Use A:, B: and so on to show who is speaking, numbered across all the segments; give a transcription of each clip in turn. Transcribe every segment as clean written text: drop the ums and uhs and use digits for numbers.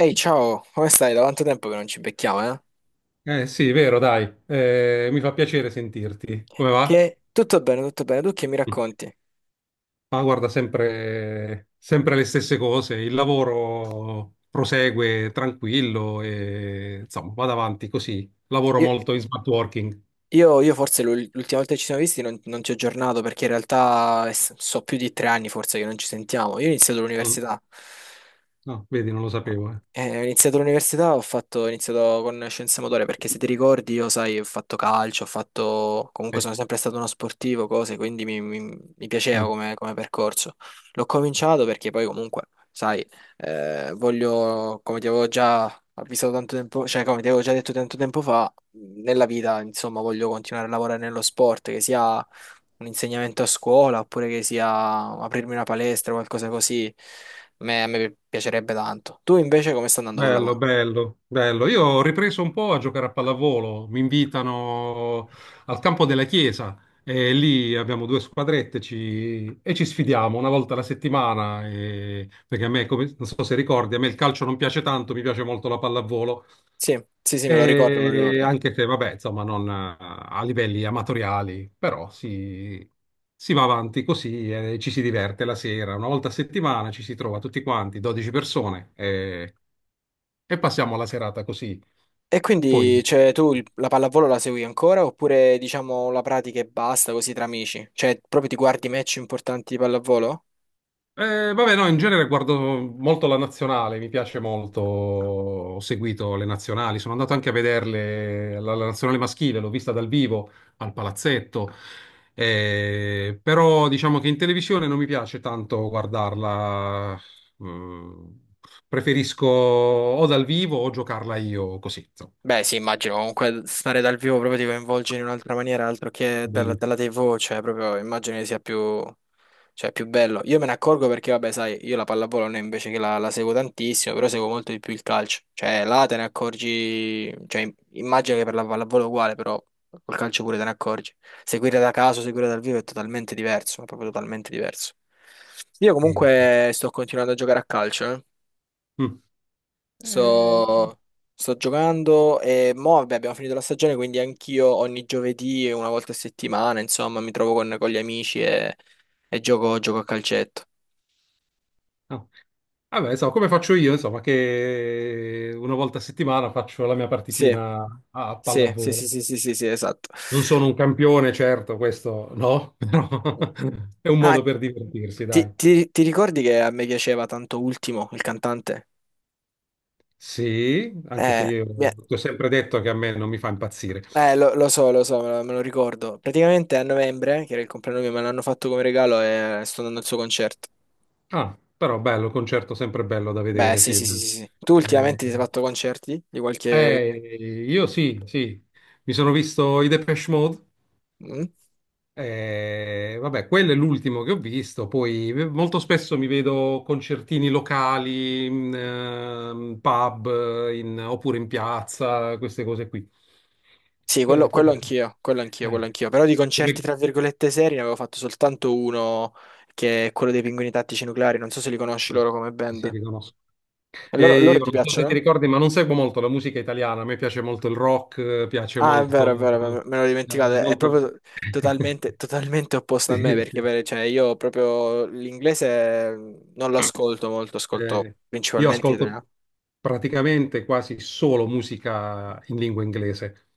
A: Ehi, ciao, come stai? Da quanto tempo che non ci becchiamo, eh?
B: Eh sì, vero, dai. Mi fa piacere sentirti. Come va?
A: Che tutto bene, tu che mi racconti?
B: Ma guarda, sempre, sempre le stesse cose. Il lavoro prosegue tranquillo e insomma, vado avanti così. Lavoro
A: Io,
B: molto in smart working.
A: io forse l'ultima volta che ci siamo visti non ti ho aggiornato perché in realtà so più di tre anni forse che non ci sentiamo. Io ho iniziato
B: Mm.
A: l'università.
B: No, vedi, non lo sapevo. Eh.
A: Ho iniziato l'università, ho iniziato con scienze motorie perché se ti ricordi io, sai, ho fatto calcio, ho fatto, comunque
B: Sì.
A: sono sempre stato uno sportivo, cose, quindi mi piaceva
B: Mm.
A: come, come percorso. L'ho cominciato perché poi comunque, sai, voglio, come ti avevo già avvisato tanto tempo, cioè come ti avevo già detto tanto tempo fa, nella vita, insomma, voglio continuare a lavorare nello sport, che sia un insegnamento a scuola oppure che sia aprirmi una palestra o qualcosa così, a me piacerebbe tanto. Tu invece come sta andando col
B: Bello,
A: lavoro?
B: bello, bello. Io ho ripreso un po' a giocare a pallavolo. Mi invitano al campo della chiesa e lì abbiamo due squadrette e ci sfidiamo una volta alla settimana. Perché a me, non so se ricordi, a me il calcio non piace tanto, mi piace molto la pallavolo.
A: Sì, sì, sì, me lo ricordo, me lo
B: E
A: ricordo.
B: anche se, vabbè, insomma, non a livelli amatoriali, però si va avanti così e ci si diverte la sera. Una volta a settimana ci si trova tutti quanti, 12 persone e passiamo la serata così.
A: E
B: Poi,
A: quindi, cioè, tu la pallavolo la segui ancora oppure diciamo la pratica e basta così tra amici? Cioè, proprio ti guardi match importanti di pallavolo?
B: vabbè, no, in genere guardo molto la nazionale, mi piace molto, ho seguito le nazionali, sono andato anche a vederle, la nazionale maschile, l'ho vista dal vivo al palazzetto, però diciamo che in televisione non mi piace tanto guardarla, mm, preferisco o dal vivo o giocarla io così, insomma.
A: Beh, sì, immagino comunque stare dal vivo proprio ti coinvolge in un'altra maniera, altro che dalla TV, cioè proprio immagino che sia più. Cioè, è più bello. Io me ne accorgo perché, vabbè, sai, io la pallavolo non è invece che la seguo tantissimo, però seguo molto di più il calcio. Cioè, là te ne accorgi, cioè, immagino che per la pallavolo è uguale, però col calcio pure te ne accorgi. Seguire da caso, seguire dal vivo è totalmente diverso, è proprio totalmente diverso. Io
B: Bellissimo.
A: comunque sto continuando a giocare a calcio, eh.
B: Mm. Eh,
A: Sto, Sto giocando e mo, vabbè, abbiamo finito la stagione, quindi anch'io ogni giovedì e una volta a settimana, insomma, mi trovo con gli amici e gioco a calcetto.
B: No. Vabbè, insomma, come faccio io, insomma, che una volta a settimana faccio la mia
A: Sì,
B: partitina a
A: sì, sì,
B: pallavolo.
A: sì, sì, sì, sì, sì, esatto.
B: Non sono un campione, certo, questo no, però è un
A: Ah,
B: modo per divertirsi, dai.
A: ti ricordi che a me piaceva tanto Ultimo, il cantante?
B: Sì, anche se
A: Eh,
B: io
A: mi-
B: ti ho sempre detto che a me non mi fa impazzire.
A: lo so, me lo ricordo. Praticamente a novembre, che era il compleanno mio, me l'hanno fatto come regalo e sto andando al suo concerto.
B: Ah, però bello, concerto sempre bello da
A: Beh,
B: vedere,
A: sì,
B: sì.
A: sì, sì,
B: Dai.
A: sì, sì. Tu
B: Eh,
A: ultimamente ti sei fatto concerti di qualche...
B: io sì, sì, mi sono visto i Depeche Mode.
A: Mm?
B: Vabbè, quello è l'ultimo che ho visto. Poi molto spesso mi vedo concertini locali, in pub, oppure in piazza, queste cose qui.
A: Sì, quello,
B: Che- tu-
A: quello anch'io, quello anch'io, quello
B: eh,
A: anch'io. Però di concerti,
B: come-
A: tra virgolette, seri ne avevo fatto soltanto uno, che è quello dei Pinguini Tattici Nucleari. Non so se li conosci loro come
B: Sì, sì,
A: band.
B: riconosco.
A: E
B: E
A: loro
B: io
A: ti
B: non so se ti
A: piacciono?
B: ricordi, ma non seguo molto la musica italiana. A me piace molto il rock, piace
A: Ah, è
B: molto,
A: vero, è vero, è vero, me l'ho dimenticato. È
B: molto.
A: proprio totalmente, totalmente opposto a me
B: Sì,
A: perché
B: sì.
A: cioè, io proprio l'inglese non lo ascolto molto, ascolto
B: Eh, io
A: principalmente
B: ascolto
A: italiano.
B: praticamente quasi solo musica in lingua inglese,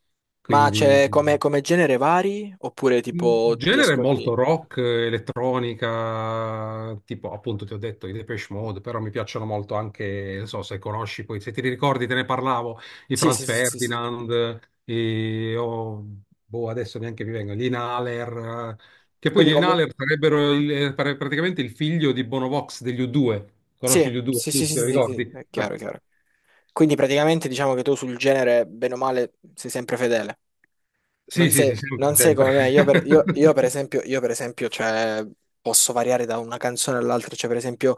A: Ma
B: quindi.
A: c'è come, come genere vari? Oppure tipo ti
B: Genere molto
A: ascolti?
B: rock, elettronica, tipo appunto ti ho detto i Depeche Mode, però mi piacciono molto anche, non so se conosci poi, se ti ricordi te ne parlavo, i
A: Sì, sì,
B: Franz
A: sì, sì, sì, sì.
B: Ferdinand, oh, boh, adesso neanche mi vengono, gli Inhaler, che poi gli
A: Quindi comunque...
B: Inhaler sarebbero praticamente il figlio di Bono Vox degli U2,
A: Sì,
B: conosci gli U2?
A: sì, sì,
B: Sì,
A: sì,
B: ti
A: sì, sì,
B: ricordi?
A: è chiaro,
B: Ah,
A: è chiaro. Quindi praticamente diciamo che tu sul genere, bene o male, sei sempre fedele.
B: sì, sì, sì, sempre,
A: Non sei
B: sempre.
A: come me, io per esempio, cioè, posso variare da una canzone all'altra, cioè per esempio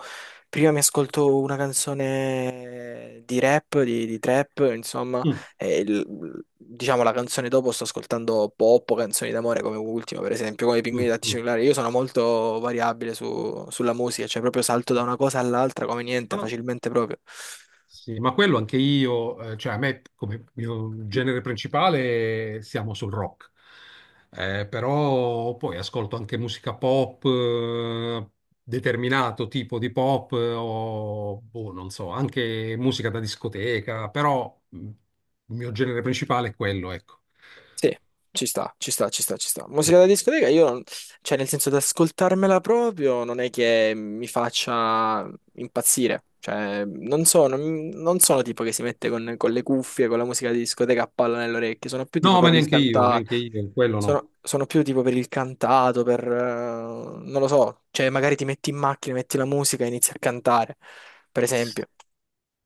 A: prima mi ascolto una canzone di rap, di trap, insomma,
B: Mm,
A: e diciamo la canzone dopo sto ascoltando pop o canzoni d'amore come ultimo, per esempio, come i Pinguini
B: mm,
A: Tattici
B: mm.
A: Nucleari, io sono molto variabile sulla musica, cioè proprio salto da una cosa all'altra come
B: Ah,
A: niente,
B: no.
A: facilmente proprio.
B: Sì, ma quello anche io, cioè a me come mio genere principale siamo sul rock. Però poi ascolto anche musica pop, determinato tipo di pop, o boh, non so, anche musica da discoteca, però il mio genere principale è quello, ecco.
A: Sì, ci sta, ci sta, ci sta, ci sta. Musica da discoteca, io, non- cioè nel senso di ascoltarmela proprio, non è che mi faccia impazzire. Cioè, non sono tipo che si mette con le cuffie, con la musica di discoteca a palla nelle orecchie, sono più tipo
B: No, ma
A: per il cantato,
B: neanche io, quello no.
A: sono più tipo per il cantato, per... non lo so, cioè magari ti metti in macchina, metti la musica e inizi a cantare, per esempio.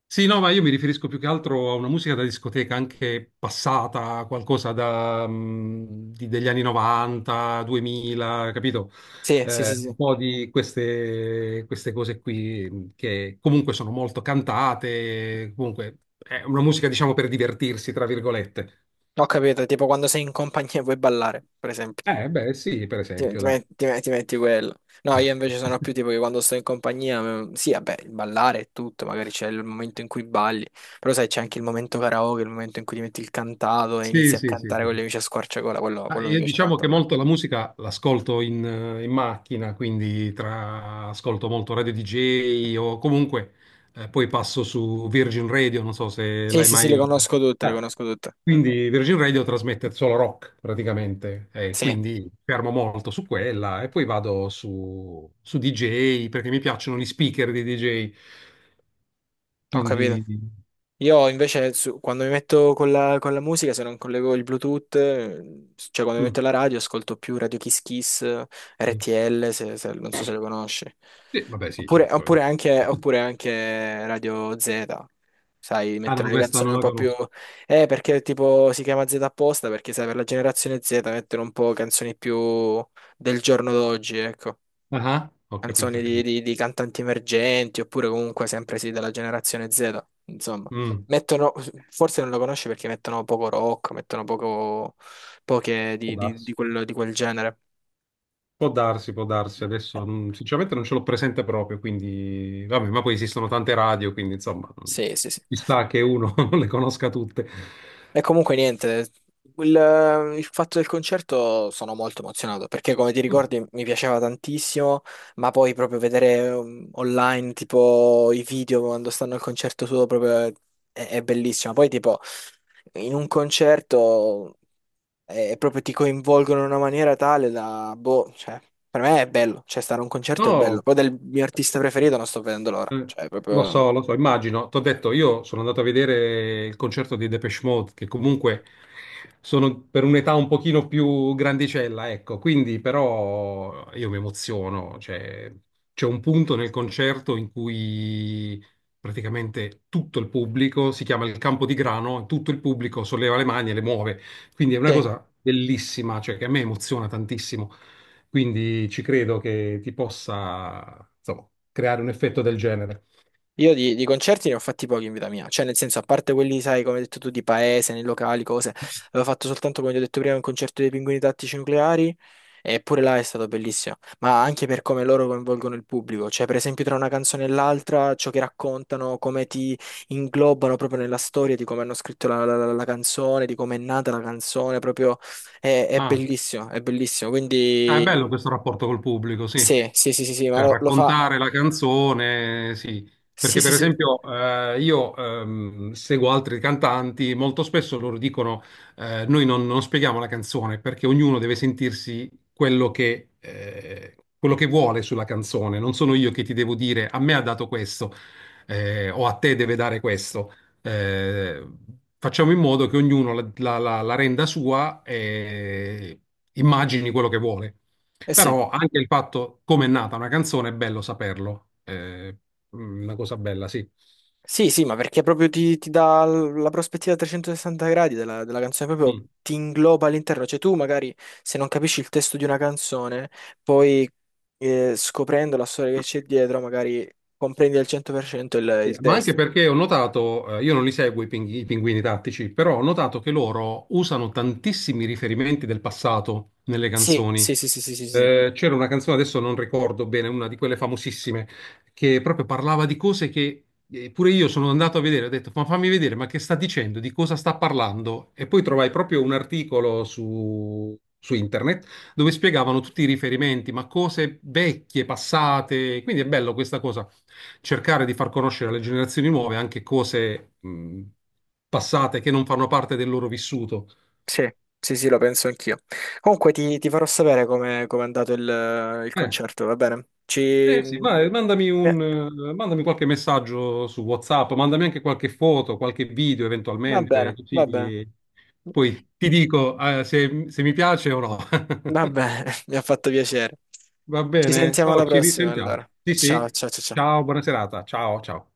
B: Sì, no, ma io mi riferisco più che altro a una musica da discoteca, anche passata, qualcosa da, degli anni 90, 2000, capito?
A: Sì, sì, sì,
B: Eh,
A: sì.
B: un po' di queste cose qui, che comunque sono molto cantate, comunque è una musica, diciamo, per divertirsi, tra virgolette.
A: Ho capito, tipo quando sei in compagnia e vuoi ballare, per esempio.
B: Beh, sì, per esempio, dai.
A: Ti metti quello. No, io invece sono più tipo che quando sto in compagnia, mm, sì, vabbè, il ballare è tutto, magari c'è il momento in cui balli, però sai, c'è anche il momento karaoke, il momento in cui ti metti il cantato e
B: Sì,
A: inizi a
B: sì, sì,
A: cantare con gli
B: sì.
A: amici a squarciagola, quello,
B: Ah,
A: quello mi
B: io
A: piace
B: diciamo
A: tanto
B: che
A: a me.
B: molto la musica l'ascolto in macchina, quindi ascolto molto Radio DJ o comunque poi passo su Virgin Radio, non so se
A: Sì,
B: l'hai
A: sì, sì, le
B: mai.
A: conosco tutte, le
B: Eh,
A: conosco tutte.
B: Quindi Virgin Radio trasmette solo rock praticamente, e
A: Sì,
B: quindi fermo molto su quella e poi vado su DJ perché mi piacciono gli speaker di DJ,
A: ho capito.
B: quindi.
A: Io invece quando mi metto con con la musica, se non collego il Bluetooth, cioè quando mi
B: Mm,
A: metto la radio, ascolto più Radio Kiss Kiss,
B: mm.
A: RTL, non so se le conosci.
B: Sì, vabbè sì, certo.
A: Oppure anche Radio Z. Sai,
B: Ah no,
A: mettono le
B: questa
A: canzoni
B: non
A: un
B: la
A: po' più...
B: conosco.
A: Perché tipo si chiama Z apposta, perché sai, per la generazione Z mettono un po' canzoni più del giorno d'oggi, ecco
B: Ah, ah, ho capito,
A: canzoni
B: ho capito.
A: di cantanti emergenti oppure comunque sempre sì della generazione Z, insomma.
B: Mm,
A: Mettono, forse non lo conosci perché mettono poco rock, mettono poco, poche
B: può
A: di
B: darsi,
A: di quel genere.
B: può darsi, può darsi. Adesso, sinceramente non ce l'ho presente proprio, quindi vabbè, ma poi esistono tante radio, quindi insomma,
A: Sì, sì, sì.
B: ci sta che uno non le conosca tutte.
A: E comunque niente, il fatto del concerto sono molto emozionato perché come ti
B: Mm.
A: ricordi mi piaceva tantissimo, ma poi proprio vedere online tipo i video quando stanno al concerto suo proprio è bellissimo. Poi tipo in un concerto è, proprio ti coinvolgono in una maniera tale da, boh, cioè per me è bello, cioè stare a un concerto è bello.
B: No.
A: Poi del mio artista preferito non sto vedendo l'ora,
B: Eh,
A: cioè proprio...
B: Lo so, immagino. T'ho detto, io sono andato a vedere il concerto di Depeche Mode, che comunque sono per un'età un pochino più grandicella, ecco, quindi però io mi emoziono. Cioè, c'è un punto nel concerto in cui praticamente tutto il pubblico, si chiama il campo di grano, tutto il pubblico solleva le mani e le muove. Quindi è una
A: Sì.
B: cosa bellissima, cioè che a me emoziona tantissimo. Quindi ci credo che ti possa, insomma, creare un effetto del genere.
A: Io di concerti ne ho fatti pochi in vita mia, cioè nel senso, a parte quelli, sai, come hai detto tu, di paese, nei locali, cose, avevo fatto soltanto, come ti ho detto prima, un concerto dei Pinguini Tattici Nucleari, e pure là è stato bellissimo, ma anche per come loro coinvolgono il pubblico, cioè per esempio tra una canzone e l'altra, ciò che raccontano, come ti inglobano proprio nella storia, di come hanno scritto la canzone, di come è nata la canzone, proprio
B: Ah,
A: è bellissimo,
B: Ah, è bello
A: quindi
B: questo rapporto col pubblico, sì.
A: sì, sì, sì, sì, sì, ma
B: Cioè,
A: lo fa,
B: raccontare la canzone, sì.
A: sì,
B: Perché,
A: sì,
B: per
A: sì,
B: esempio, io seguo altri cantanti, molto spesso loro dicono: Noi non spieghiamo la canzone perché ognuno deve sentirsi quello che vuole sulla canzone. Non sono io che ti devo dire a me ha dato questo, o a te deve dare questo eh, facciamo in modo che ognuno la renda sua e immagini quello che vuole.
A: eh sì.
B: Però anche il fatto come è nata una canzone è bello saperlo, è una cosa bella, sì.
A: Sì, sì, ma perché proprio ti dà la prospettiva a 360 gradi della canzone, proprio
B: Mm.
A: ti ingloba all'interno. Cioè tu magari se non capisci il testo di una canzone, poi scoprendo la storia che c'è dietro, magari comprendi al 100% il
B: Ma anche
A: testo.
B: perché ho notato, io non li seguo i pinguini tattici, però ho notato che loro usano tantissimi riferimenti del passato nelle
A: Sì,
B: canzoni.
A: sì, sì, sì, sì, sì, sì,
B: C'era una canzone, adesso non ricordo bene, una di quelle famosissime, che proprio parlava di cose che pure io sono andato a vedere, ho detto, ma fammi vedere, ma che sta dicendo, di cosa sta parlando? E poi trovai proprio un articolo su internet dove spiegavano tutti i riferimenti, ma cose vecchie, passate. Quindi è bello questa cosa, cercare di far conoscere alle generazioni nuove anche cose, passate che non fanno parte del loro vissuto.
A: sì, sì, sì, lo penso anch'io. Comunque ti farò sapere come come è andato il
B: Eh,
A: concerto, va bene? Ci...
B: Eh sì, mandami qualche messaggio su WhatsApp, mandami anche qualche foto, qualche video
A: va bene,
B: eventualmente, così
A: va bene.
B: poi ti dico, se mi piace o no.
A: Va bene, mi ha fatto piacere.
B: Va
A: Ci
B: bene?
A: sentiamo alla
B: Oh, ci
A: prossima
B: risentiamo.
A: allora.
B: Sì,
A: Ciao,
B: sì.
A: ciao, ciao, ciao.
B: Ciao, buona serata. Ciao, ciao.